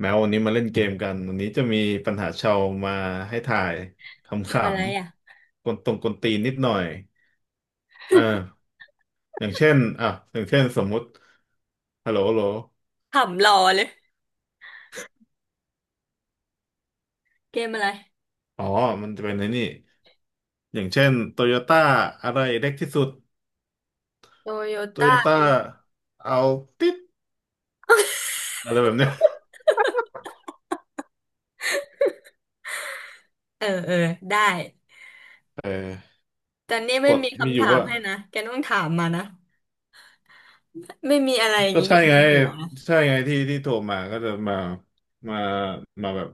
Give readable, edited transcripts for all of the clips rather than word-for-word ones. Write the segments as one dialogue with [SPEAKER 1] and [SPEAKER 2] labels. [SPEAKER 1] แม้วันนี้มาเล่นเกมกันวันนี้จะมีปัญหาชาวมาให้ถ่ายขำ
[SPEAKER 2] เกมอะไรอ่ะ
[SPEAKER 1] ๆกวนตรงกวนตีนนิดหน่อยเอออย่างเช่นอ่ะอย่างเช่นสมมุติฮัลโหลฮัลโหล
[SPEAKER 2] ขำรอเลยเกมอะไร
[SPEAKER 1] อ๋อมันจะเป็นในนี่ อย่างเช่นโตโยต้าอะไรเล็กที่สุด
[SPEAKER 2] โตโย
[SPEAKER 1] โตโย
[SPEAKER 2] ต้า
[SPEAKER 1] ต้าเอาติดอะไรแบบเนี้ย
[SPEAKER 2] เออได้
[SPEAKER 1] เออ
[SPEAKER 2] แต่นี่
[SPEAKER 1] ก
[SPEAKER 2] ไม่
[SPEAKER 1] ฎ
[SPEAKER 2] มี
[SPEAKER 1] มีอ
[SPEAKER 2] คำ
[SPEAKER 1] ยู่
[SPEAKER 2] ถาม
[SPEAKER 1] ว่า
[SPEAKER 2] ให้นะแกต้องถามมานะไม่มีอะไรอย่าง
[SPEAKER 1] ก็
[SPEAKER 2] นี้อ
[SPEAKER 1] ใช่
[SPEAKER 2] ยู่ใน
[SPEAKER 1] ไง
[SPEAKER 2] หัว
[SPEAKER 1] ใช่ไงที่ที่โทรมาก็จะมามามาแบบ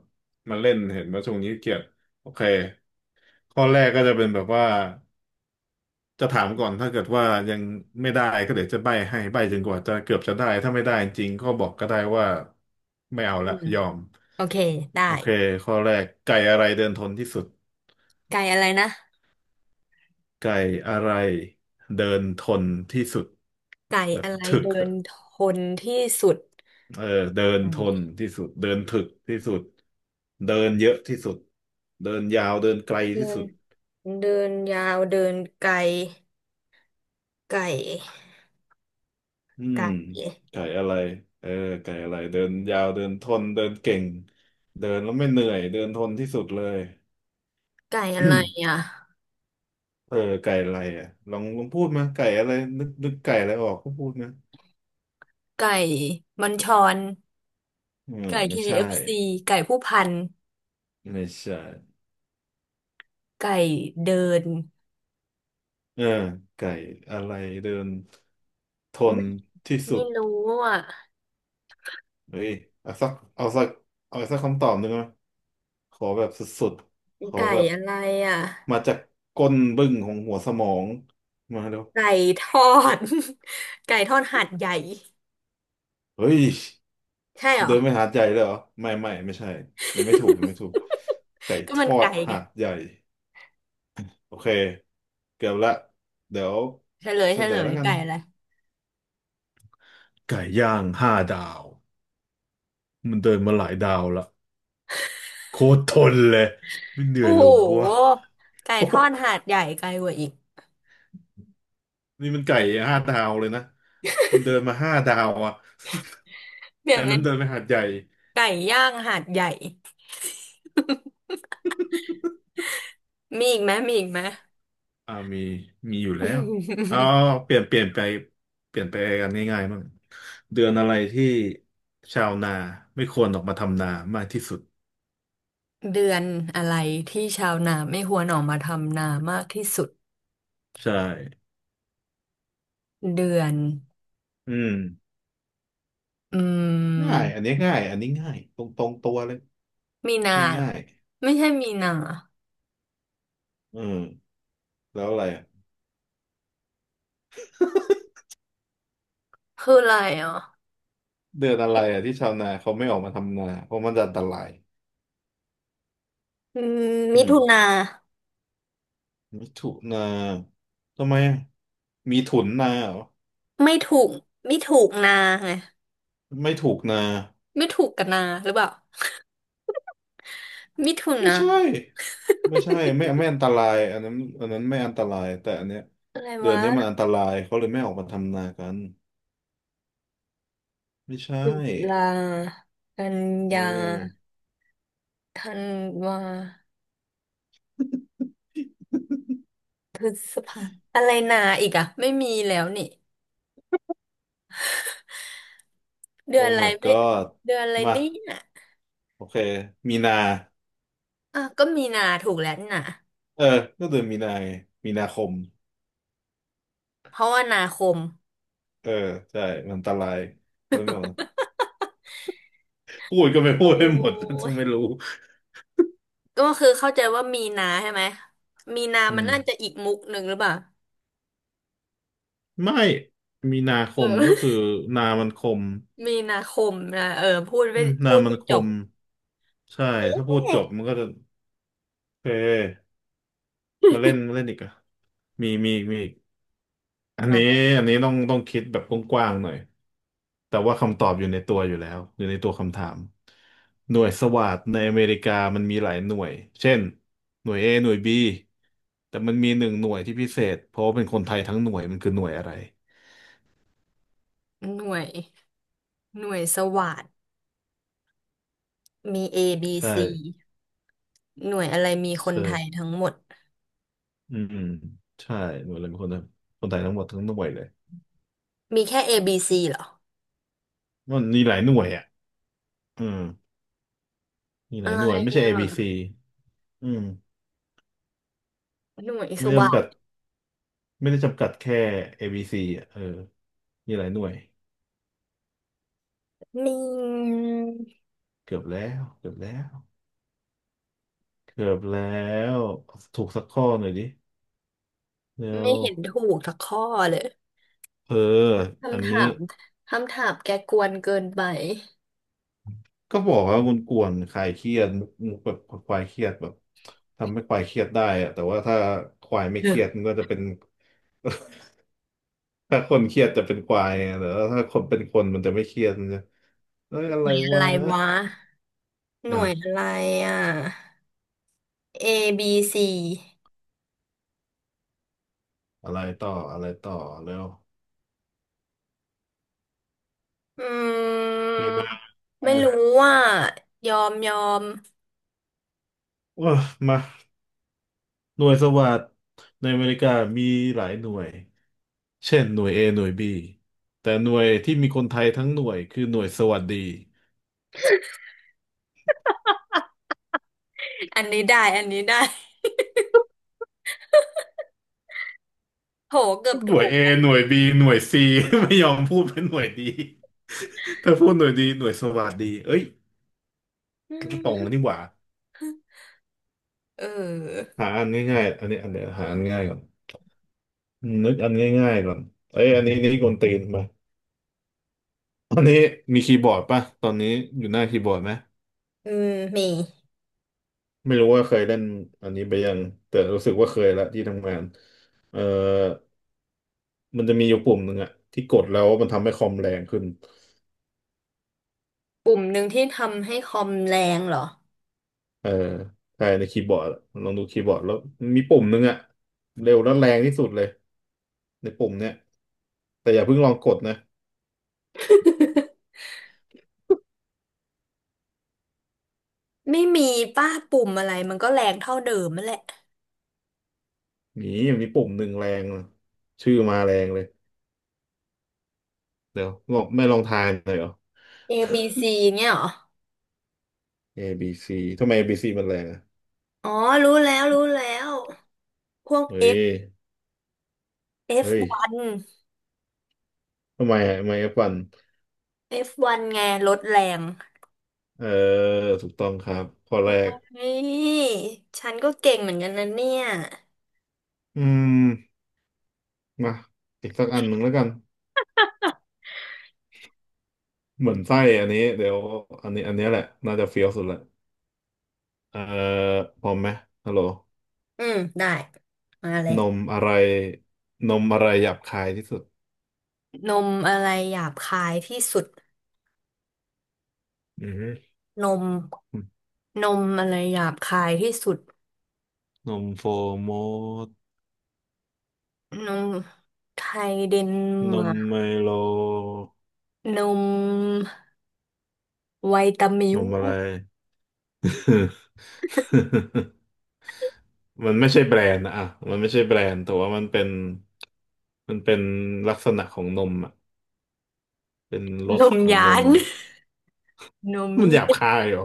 [SPEAKER 1] มาเล่นเห็นว่าช่วงนี้เกียดโอเคข้อแรกก็จะเป็นแบบว่าจะถามก่อนถ้าเกิดว่ายังไม่ได้ก็เดี๋ยวจะใบ้ให้ใบ้จนกว่าจะเกือบจะได้ถ้าไม่ได้จริงก็บอกก็ได้ว่าไม่เอา
[SPEAKER 2] อื
[SPEAKER 1] ละ
[SPEAKER 2] ม
[SPEAKER 1] ยอม
[SPEAKER 2] โอเคได้
[SPEAKER 1] โอเคข้อแรกไก่อะไรเดินทนที่สุด
[SPEAKER 2] ไก่อะไรนะ
[SPEAKER 1] ไก่อะไรเดินทนที่สุด
[SPEAKER 2] ไก่
[SPEAKER 1] แบบ
[SPEAKER 2] อะไร
[SPEAKER 1] ถึก
[SPEAKER 2] เดิ
[SPEAKER 1] อะ
[SPEAKER 2] นทนที่สุด
[SPEAKER 1] เออเดิน
[SPEAKER 2] ไก
[SPEAKER 1] ท
[SPEAKER 2] ่
[SPEAKER 1] นที่สุดเดินถึกที่สุดเดินเยอะที่สุดเดินยาวเดินไกล
[SPEAKER 2] เดิ
[SPEAKER 1] ที่
[SPEAKER 2] น
[SPEAKER 1] สุด
[SPEAKER 2] เดินยาวเดินไกลไก่
[SPEAKER 1] อืม
[SPEAKER 2] ไก่
[SPEAKER 1] ไก่อะไรเออไก่อะไรเดินยาวเดินทนเดินเก่งเดินแล้วไม่เหนื่อยเดินทนที่สุดเลย
[SPEAKER 2] ไก่อะไร อ่ะ
[SPEAKER 1] เออไก่อะไรอ่ะลองลองพูดมาไก่อะไรนึกนึกไก่อะไรออกก็พูดนะ
[SPEAKER 2] ไก่บัญชร
[SPEAKER 1] อืม
[SPEAKER 2] ไก่เค
[SPEAKER 1] ไม่ใช่
[SPEAKER 2] เอฟ f ีไก่ผู้พัน
[SPEAKER 1] ไม่ใช่
[SPEAKER 2] ไก่เดิน
[SPEAKER 1] เออไก่อะไรเดินทน
[SPEAKER 2] ไม่
[SPEAKER 1] ที่สุ
[SPEAKER 2] ไม่
[SPEAKER 1] ด
[SPEAKER 2] รู้อ่ะ
[SPEAKER 1] เฮ้ยเอาสักเอาสักเอาสักคำตอบหนึ่งนะขอแบบสุดๆ ขอ
[SPEAKER 2] ไก่
[SPEAKER 1] แบบ
[SPEAKER 2] อะไรอ่ะ
[SPEAKER 1] มาจากก้นบึ้งของหัวสมองมาแล้ว
[SPEAKER 2] ไก่ทอด ไก่ทอดหาดใหญ่
[SPEAKER 1] เฮ้ย
[SPEAKER 2] ใช่เหรอ
[SPEAKER 1] เดินไปหาดใหญ่เลยเหรอ ไม่ไม่ไม่ใช่ ยังไม่ถูกยังไม่ถูก ไก่
[SPEAKER 2] ก็
[SPEAKER 1] ท
[SPEAKER 2] มัน
[SPEAKER 1] อด
[SPEAKER 2] ไก่ไง
[SPEAKER 1] หาดใหญ่โอเคเกือบละเดี๋ยว
[SPEAKER 2] เฉลย
[SPEAKER 1] เฉ
[SPEAKER 2] เฉ
[SPEAKER 1] ล
[SPEAKER 2] ล
[SPEAKER 1] ย
[SPEAKER 2] ย
[SPEAKER 1] แล้วกัน
[SPEAKER 2] ไก่อะไร
[SPEAKER 1] ไก่ย่างห้าดาวมันเดินมาหลายดาวละโคตรทนเลยไม่เหนื่อย
[SPEAKER 2] โอ้โ
[SPEAKER 1] เลยวะ
[SPEAKER 2] หไก่ทอดหา ดใหญ่ไกลกว่าอีก
[SPEAKER 1] นี่มันไก่ห้าดาวเลยนะ มันเดินมาห้าดาวอ่ะ
[SPEAKER 2] เป ลี่ย
[SPEAKER 1] อั
[SPEAKER 2] น
[SPEAKER 1] น
[SPEAKER 2] เป็
[SPEAKER 1] นั้
[SPEAKER 2] น
[SPEAKER 1] นเดินไปหาดใหญ่
[SPEAKER 2] ไก่ย่างหาดใหญ่มีอีกไหม
[SPEAKER 1] อ่ามีมีอยู่แล้วเอา เปลี่ยนเปลี่ยนไป เปลี่ยนไปกันง่ายๆบ้างเดือนอะไรที่ชาวนาไม่ควรออกมาทำนามากที่สุด
[SPEAKER 2] เดือนอะไรที่ชาวนาไม่ควรออกมาทำนามากที่สุด
[SPEAKER 1] ใช่
[SPEAKER 2] เดือน
[SPEAKER 1] อืม
[SPEAKER 2] อื
[SPEAKER 1] ง่ายอันนี้
[SPEAKER 2] ม
[SPEAKER 1] ง่ายอันนี้ง่ายตรงตรงตัวเลย
[SPEAKER 2] มีนา
[SPEAKER 1] ง่าย
[SPEAKER 2] เหรอ
[SPEAKER 1] ง่าย
[SPEAKER 2] ไม่ใช่มีนา
[SPEAKER 1] อืมแล้วอะไรอะ
[SPEAKER 2] คืออะไรอ่ะ
[SPEAKER 1] เดือนอะไรอ่ะที่ชาวนาเขาไม่ออกมาทำนาเพราะมันจะอันตราย
[SPEAKER 2] อืม
[SPEAKER 1] อื
[SPEAKER 2] มิ
[SPEAKER 1] ม
[SPEAKER 2] ถุนา
[SPEAKER 1] มิถุนาทำไมอะมีถุนนาเหรอ
[SPEAKER 2] ไม่ถูกไม่ถูกนาไง
[SPEAKER 1] ไม่ถูกนา
[SPEAKER 2] ไม่ถูกกับนาหรือเปล่ามิถุ
[SPEAKER 1] ไม่
[SPEAKER 2] นา
[SPEAKER 1] ใช่ไม่ใช่ ไม่ไม่อันตรายอันนั้นอันนั้นไม่อันตรายแต่อันเนี้ย
[SPEAKER 2] อะไร
[SPEAKER 1] เดือน
[SPEAKER 2] วะ
[SPEAKER 1] นี้มันอันตรายเขาเลยไม่ออกมาทำนากันไม่ใช่
[SPEAKER 2] ตุลากัน
[SPEAKER 1] เ
[SPEAKER 2] ยา
[SPEAKER 1] ออ
[SPEAKER 2] ธันวาพฤษภาอะไรนาอีกอะไม่มีแล้วนี่เดื
[SPEAKER 1] โอ้
[SPEAKER 2] อนอะไร
[SPEAKER 1] my
[SPEAKER 2] ไม่
[SPEAKER 1] god
[SPEAKER 2] เดือนอะไร
[SPEAKER 1] มา
[SPEAKER 2] เนี่ย
[SPEAKER 1] โอเคมีนา
[SPEAKER 2] อ่ะก็มีนาถูกแล้วนี่นะ
[SPEAKER 1] เออก็เดือนมีนาไงมีนาคม
[SPEAKER 2] เพราะว่านาคม
[SPEAKER 1] เออใช่มันอันตรายเขาเลยไม่ออกมาพูดก็ไม่พู
[SPEAKER 2] โอ
[SPEAKER 1] ดให้หมด
[SPEAKER 2] ้
[SPEAKER 1] จะไม่รู้
[SPEAKER 2] ก็คือเข้าใจว่ามีนาใช่ไหมมีนา
[SPEAKER 1] อื
[SPEAKER 2] มัน
[SPEAKER 1] ม
[SPEAKER 2] น่าจะอีกมุกหนึ่งหรือเปล่า
[SPEAKER 1] ไม่มีนาค
[SPEAKER 2] เอ
[SPEAKER 1] มก็
[SPEAKER 2] อ
[SPEAKER 1] คือ นามันคม
[SPEAKER 2] มีนาคมนะเออพูดไม่
[SPEAKER 1] อืม
[SPEAKER 2] พู
[SPEAKER 1] นา
[SPEAKER 2] ด
[SPEAKER 1] มัน
[SPEAKER 2] ไม่
[SPEAKER 1] ค
[SPEAKER 2] จบ
[SPEAKER 1] มใช่ถ้าพูดจบมันก็จะโอเคมาเล่นมาเล่นอีกอะมีมีมีอีกอันนี้
[SPEAKER 2] อ่ะ
[SPEAKER 1] อันนี้ต้องต้องคิดแบบกว้างๆหน่อยแต่ว่าคำตอบอยู่ในตัวอยู่แล้วอยู่ในตัวคำถามหน่วยสวาทในอเมริกามันมีหลายหน่วยเช่นหน่วย A หน่วย B แต่มันมีหนึ่งหน่วยที่พิเศษเพราะว่าเป็นคนไทยทั้งหน่วยมันคือหน่วยอะไร
[SPEAKER 2] หน่วยหน่วยสวัสดมี A
[SPEAKER 1] ใช่
[SPEAKER 2] ซีหน่วยอะไรมีคนไทย
[SPEAKER 1] ใช่
[SPEAKER 2] ทั้งหมด
[SPEAKER 1] อืมใช่หน่วยรวมคนคนไทยทั้งหมดทั้งหน่วยเลย
[SPEAKER 2] มีแค่ A B C เหรอ
[SPEAKER 1] มันมีหลายหน่วยอ่ะอืมมีห
[SPEAKER 2] อะ
[SPEAKER 1] ลาย
[SPEAKER 2] ไร
[SPEAKER 1] หน่วยไม่ใช่ ABC อ
[SPEAKER 2] อ่ะ
[SPEAKER 1] บีซีอืม
[SPEAKER 2] หน่วย
[SPEAKER 1] ไม่
[SPEAKER 2] ส
[SPEAKER 1] ได้
[SPEAKER 2] วั
[SPEAKER 1] จำ
[SPEAKER 2] ส
[SPEAKER 1] กัด
[SPEAKER 2] ด
[SPEAKER 1] ไม่ได้จำกัดแค่ ABC อบีซีอ่ะเออมีหลายหน่วย
[SPEAKER 2] นี่
[SPEAKER 1] เกือบแล้วเกือบแล้วเกือบแล้วถูกสักข้อหน่อยดิแล้
[SPEAKER 2] ไม่
[SPEAKER 1] ว
[SPEAKER 2] เห็นถูกสักข้อเลย
[SPEAKER 1] เอออัน
[SPEAKER 2] คำ
[SPEAKER 1] นี้
[SPEAKER 2] ถามคำถามแกกวนเกินไป
[SPEAKER 1] ก็บอกว่าคุณกวนๆคลายเครียดมุกมุกแบบคลายเครียดแบบทำให้คลายเครียดได้อะแต่ว่าถ้าคลายไม่เครียด มั
[SPEAKER 2] ห
[SPEAKER 1] นก็จะเป็น ถ้าคนเครียดจะเป็นควายไงแต่ว่าถ้าคนเป็นคนมันจะไม่เครียดมันจะเอ้ยอะ
[SPEAKER 2] น่
[SPEAKER 1] ไร
[SPEAKER 2] วยอะไร
[SPEAKER 1] วะ
[SPEAKER 2] วะห
[SPEAKER 1] อ่ะ
[SPEAKER 2] น่วยอะไรอ่ะ A B C
[SPEAKER 1] อะไรต่ออะไรต่อเร็ว
[SPEAKER 2] อื
[SPEAKER 1] เนี่ย
[SPEAKER 2] ม
[SPEAKER 1] นะเออ
[SPEAKER 2] ไม่รู้ว่ายอม
[SPEAKER 1] ว้ามาหน่วยสวัสดในอเมริกามีหลายหน่วยเช่นหน่วย A หน่วย B แต่หน่วยที่มีคนไทยทั้งหน่วยคือหน่วยสวัสดี
[SPEAKER 2] อันนี้ได้โหเกือบ
[SPEAKER 1] หน่ว
[SPEAKER 2] ถู
[SPEAKER 1] ย
[SPEAKER 2] ก
[SPEAKER 1] A หน่วย B หน่วย C ไม่ยอมพูดเป็นหน่วยดี ถ้าพูดหน่วยดีหน่วยสวัสดีเอ้ย
[SPEAKER 2] อื
[SPEAKER 1] ตรงแล้ว
[SPEAKER 2] ม
[SPEAKER 1] นี่หว่า
[SPEAKER 2] เออ
[SPEAKER 1] หาอันง่ายๆอันนี้อันเดียวหาอันง่ายก่อน อืมนึกอันง่ายๆก่อนเอ้ยอันนี้นี่กวนตีนป่ะอันนี้มีคีย์บอร์ดป่ะตอนนี้อยู่หน้าคีย์บอร์ดไหม
[SPEAKER 2] อืมมี
[SPEAKER 1] ไม่รู้ว่าเคยเล่นอันนี้ไปยังแต่รู้สึกว่าเคยละที่ทำงานเออมันจะมีอยู่ปุ่มหนึ่งอะที่กดแล้วมันทำให้คอมแรงขึ้น
[SPEAKER 2] ปุ่มหนึ่งที่ทำให้คอมแรงเหรอ
[SPEAKER 1] เออใช่ในคีย์บอร์ดอะลองดูคีย์บอร์ดแล้วมีปุ่มหนึ่งอะเร็วและแรงที่สุดเลยในปุ่มเนี้ยแต่อย่าเพิ่งลองกดนะ
[SPEAKER 2] ไม่มีป้าปุ่มอะไรมันก็แรงเท่าเดิมนั่นแหละ
[SPEAKER 1] หนีมีปุ่มหนึ่งแรงอะชื่อมาแรงเลยเดี๋ยวลองไม่ลองทายหน่อยเหรอ
[SPEAKER 2] A B C เนี่ยเหรอ
[SPEAKER 1] A B C ทำไม A B C มันแรงอ่ะ
[SPEAKER 2] อ๋อรู้แล้วพวก
[SPEAKER 1] เฮ้
[SPEAKER 2] F
[SPEAKER 1] ย เฮ้ย
[SPEAKER 2] F1
[SPEAKER 1] ทำไมอ่ะทำไมอะปั่น
[SPEAKER 2] F1 ไงลดแรง
[SPEAKER 1] เออถูกต้องครับข้อแรก
[SPEAKER 2] เฮ้ยฉันก็เก่งเหมือนกันนะเนี่ย
[SPEAKER 1] อืมมาอีกสักอันหนึ่งแล้วกัน เหมือนไส้อันนี้ เดี๋ยวอันนี้ อันนี้แหละ น่าจะเฟี้ยวสุดละเออ พร้อมไหมฮัลโหล
[SPEAKER 2] อืมได้มาเลย
[SPEAKER 1] นมอะไร นมอะไรหยาบคายที่สุด
[SPEAKER 2] นมอะไรหยาบคายที่สุด
[SPEAKER 1] อือฮึ
[SPEAKER 2] นมนมอะไรหยาบคายที่สุด
[SPEAKER 1] นมโฟโมด
[SPEAKER 2] นมไทยเดน
[SPEAKER 1] น
[SPEAKER 2] มา
[SPEAKER 1] ม
[SPEAKER 2] ร์
[SPEAKER 1] ไม
[SPEAKER 2] ก
[SPEAKER 1] โล
[SPEAKER 2] นมไวตามิ
[SPEAKER 1] น
[SPEAKER 2] ว
[SPEAKER 1] มอะไร มันไม่ใช่แบรนด์นะอ่ะมันไม่ใช่แบรนด์แต่ว่ามันเป็นมันเป็นลักษณะของนมอ่ะเป็นร
[SPEAKER 2] น
[SPEAKER 1] ส
[SPEAKER 2] ม
[SPEAKER 1] ขอ
[SPEAKER 2] ห
[SPEAKER 1] งน
[SPEAKER 2] ยา
[SPEAKER 1] ม
[SPEAKER 2] นนม
[SPEAKER 1] มันห
[SPEAKER 2] เหี้
[SPEAKER 1] ยาบ
[SPEAKER 2] ย
[SPEAKER 1] คายเหรอ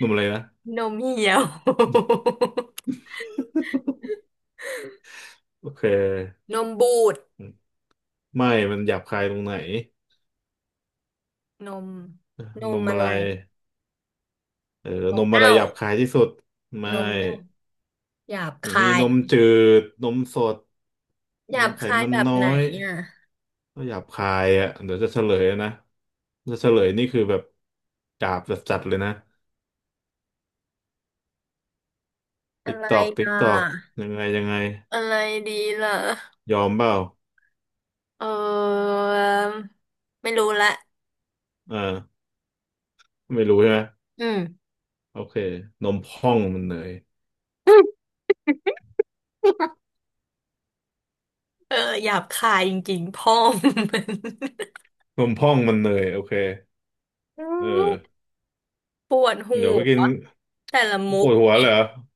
[SPEAKER 1] นมอะไรนะ
[SPEAKER 2] นมเหี่ยว
[SPEAKER 1] โอเค
[SPEAKER 2] นมบูด
[SPEAKER 1] ไม่มันหยาบคายตรงไหน
[SPEAKER 2] นมน
[SPEAKER 1] น
[SPEAKER 2] ม
[SPEAKER 1] ม
[SPEAKER 2] อะ
[SPEAKER 1] อะไร
[SPEAKER 2] ไร
[SPEAKER 1] เออ
[SPEAKER 2] น
[SPEAKER 1] น
[SPEAKER 2] ม
[SPEAKER 1] มอะไร
[SPEAKER 2] เน่า
[SPEAKER 1] หยาบคายที่สุดไม่
[SPEAKER 2] นมเน่าหยาบคา
[SPEAKER 1] มี
[SPEAKER 2] ย
[SPEAKER 1] นมจืดนมสด
[SPEAKER 2] ห
[SPEAKER 1] น
[SPEAKER 2] ยาบ
[SPEAKER 1] มไข
[SPEAKER 2] คาย
[SPEAKER 1] มัน
[SPEAKER 2] แบบ
[SPEAKER 1] น้อ
[SPEAKER 2] ไหน
[SPEAKER 1] ย
[SPEAKER 2] อ่ะ
[SPEAKER 1] ก็หยาบคายอ่ะเดี๋ยวจะเฉลยนะจะเฉลยนี่คือแบบหยาบจัดๆเลยนะ
[SPEAKER 2] อะ
[SPEAKER 1] ติ๊ก
[SPEAKER 2] ไร
[SPEAKER 1] ตอกติ๊ก
[SPEAKER 2] อ่ะ
[SPEAKER 1] ตอกยังไงยังไง
[SPEAKER 2] อะไรดีล่ะ
[SPEAKER 1] ยอมเปล่า
[SPEAKER 2] เออไม่รู้ละ
[SPEAKER 1] อ่าไม่รู้ใช่ไหม
[SPEAKER 2] อืม
[SPEAKER 1] โอเค นมพองมันเนย
[SPEAKER 2] เออหยาบคายจริงๆพ่อมัน
[SPEAKER 1] นมพองมันเนยโอเค
[SPEAKER 2] อื
[SPEAKER 1] เออ
[SPEAKER 2] มปวดหั
[SPEAKER 1] เดี๋ยวไปกิ
[SPEAKER 2] ว
[SPEAKER 1] น
[SPEAKER 2] แต่ละมุ
[SPEAKER 1] ป
[SPEAKER 2] ก
[SPEAKER 1] วดหัว
[SPEAKER 2] นี่
[SPEAKER 1] เหรอ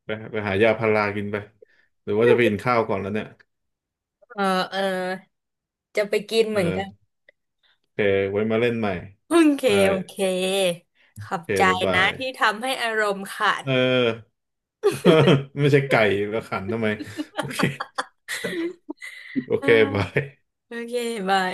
[SPEAKER 1] ไปไปหายาพารากินไป หรือว่าจะไปกินข้าวก่อนแล้วเนี่ย
[SPEAKER 2] เออเออจะไปกินเห
[SPEAKER 1] เอ
[SPEAKER 2] มือนกัน
[SPEAKER 1] อโอเค ไว้มาเล่นใหม่
[SPEAKER 2] โอเค
[SPEAKER 1] ได้
[SPEAKER 2] โอเค
[SPEAKER 1] โอ
[SPEAKER 2] ขอบ
[SPEAKER 1] เค
[SPEAKER 2] ใจ
[SPEAKER 1] บ๊ายบา
[SPEAKER 2] นะ
[SPEAKER 1] ย
[SPEAKER 2] ที่ทำให้อารมณ์ขัน
[SPEAKER 1] เออ ไม่ใช่ไก่แล้วขันทำไมโอเค โอ
[SPEAKER 2] เออ
[SPEAKER 1] เคบาย
[SPEAKER 2] โอเคบาย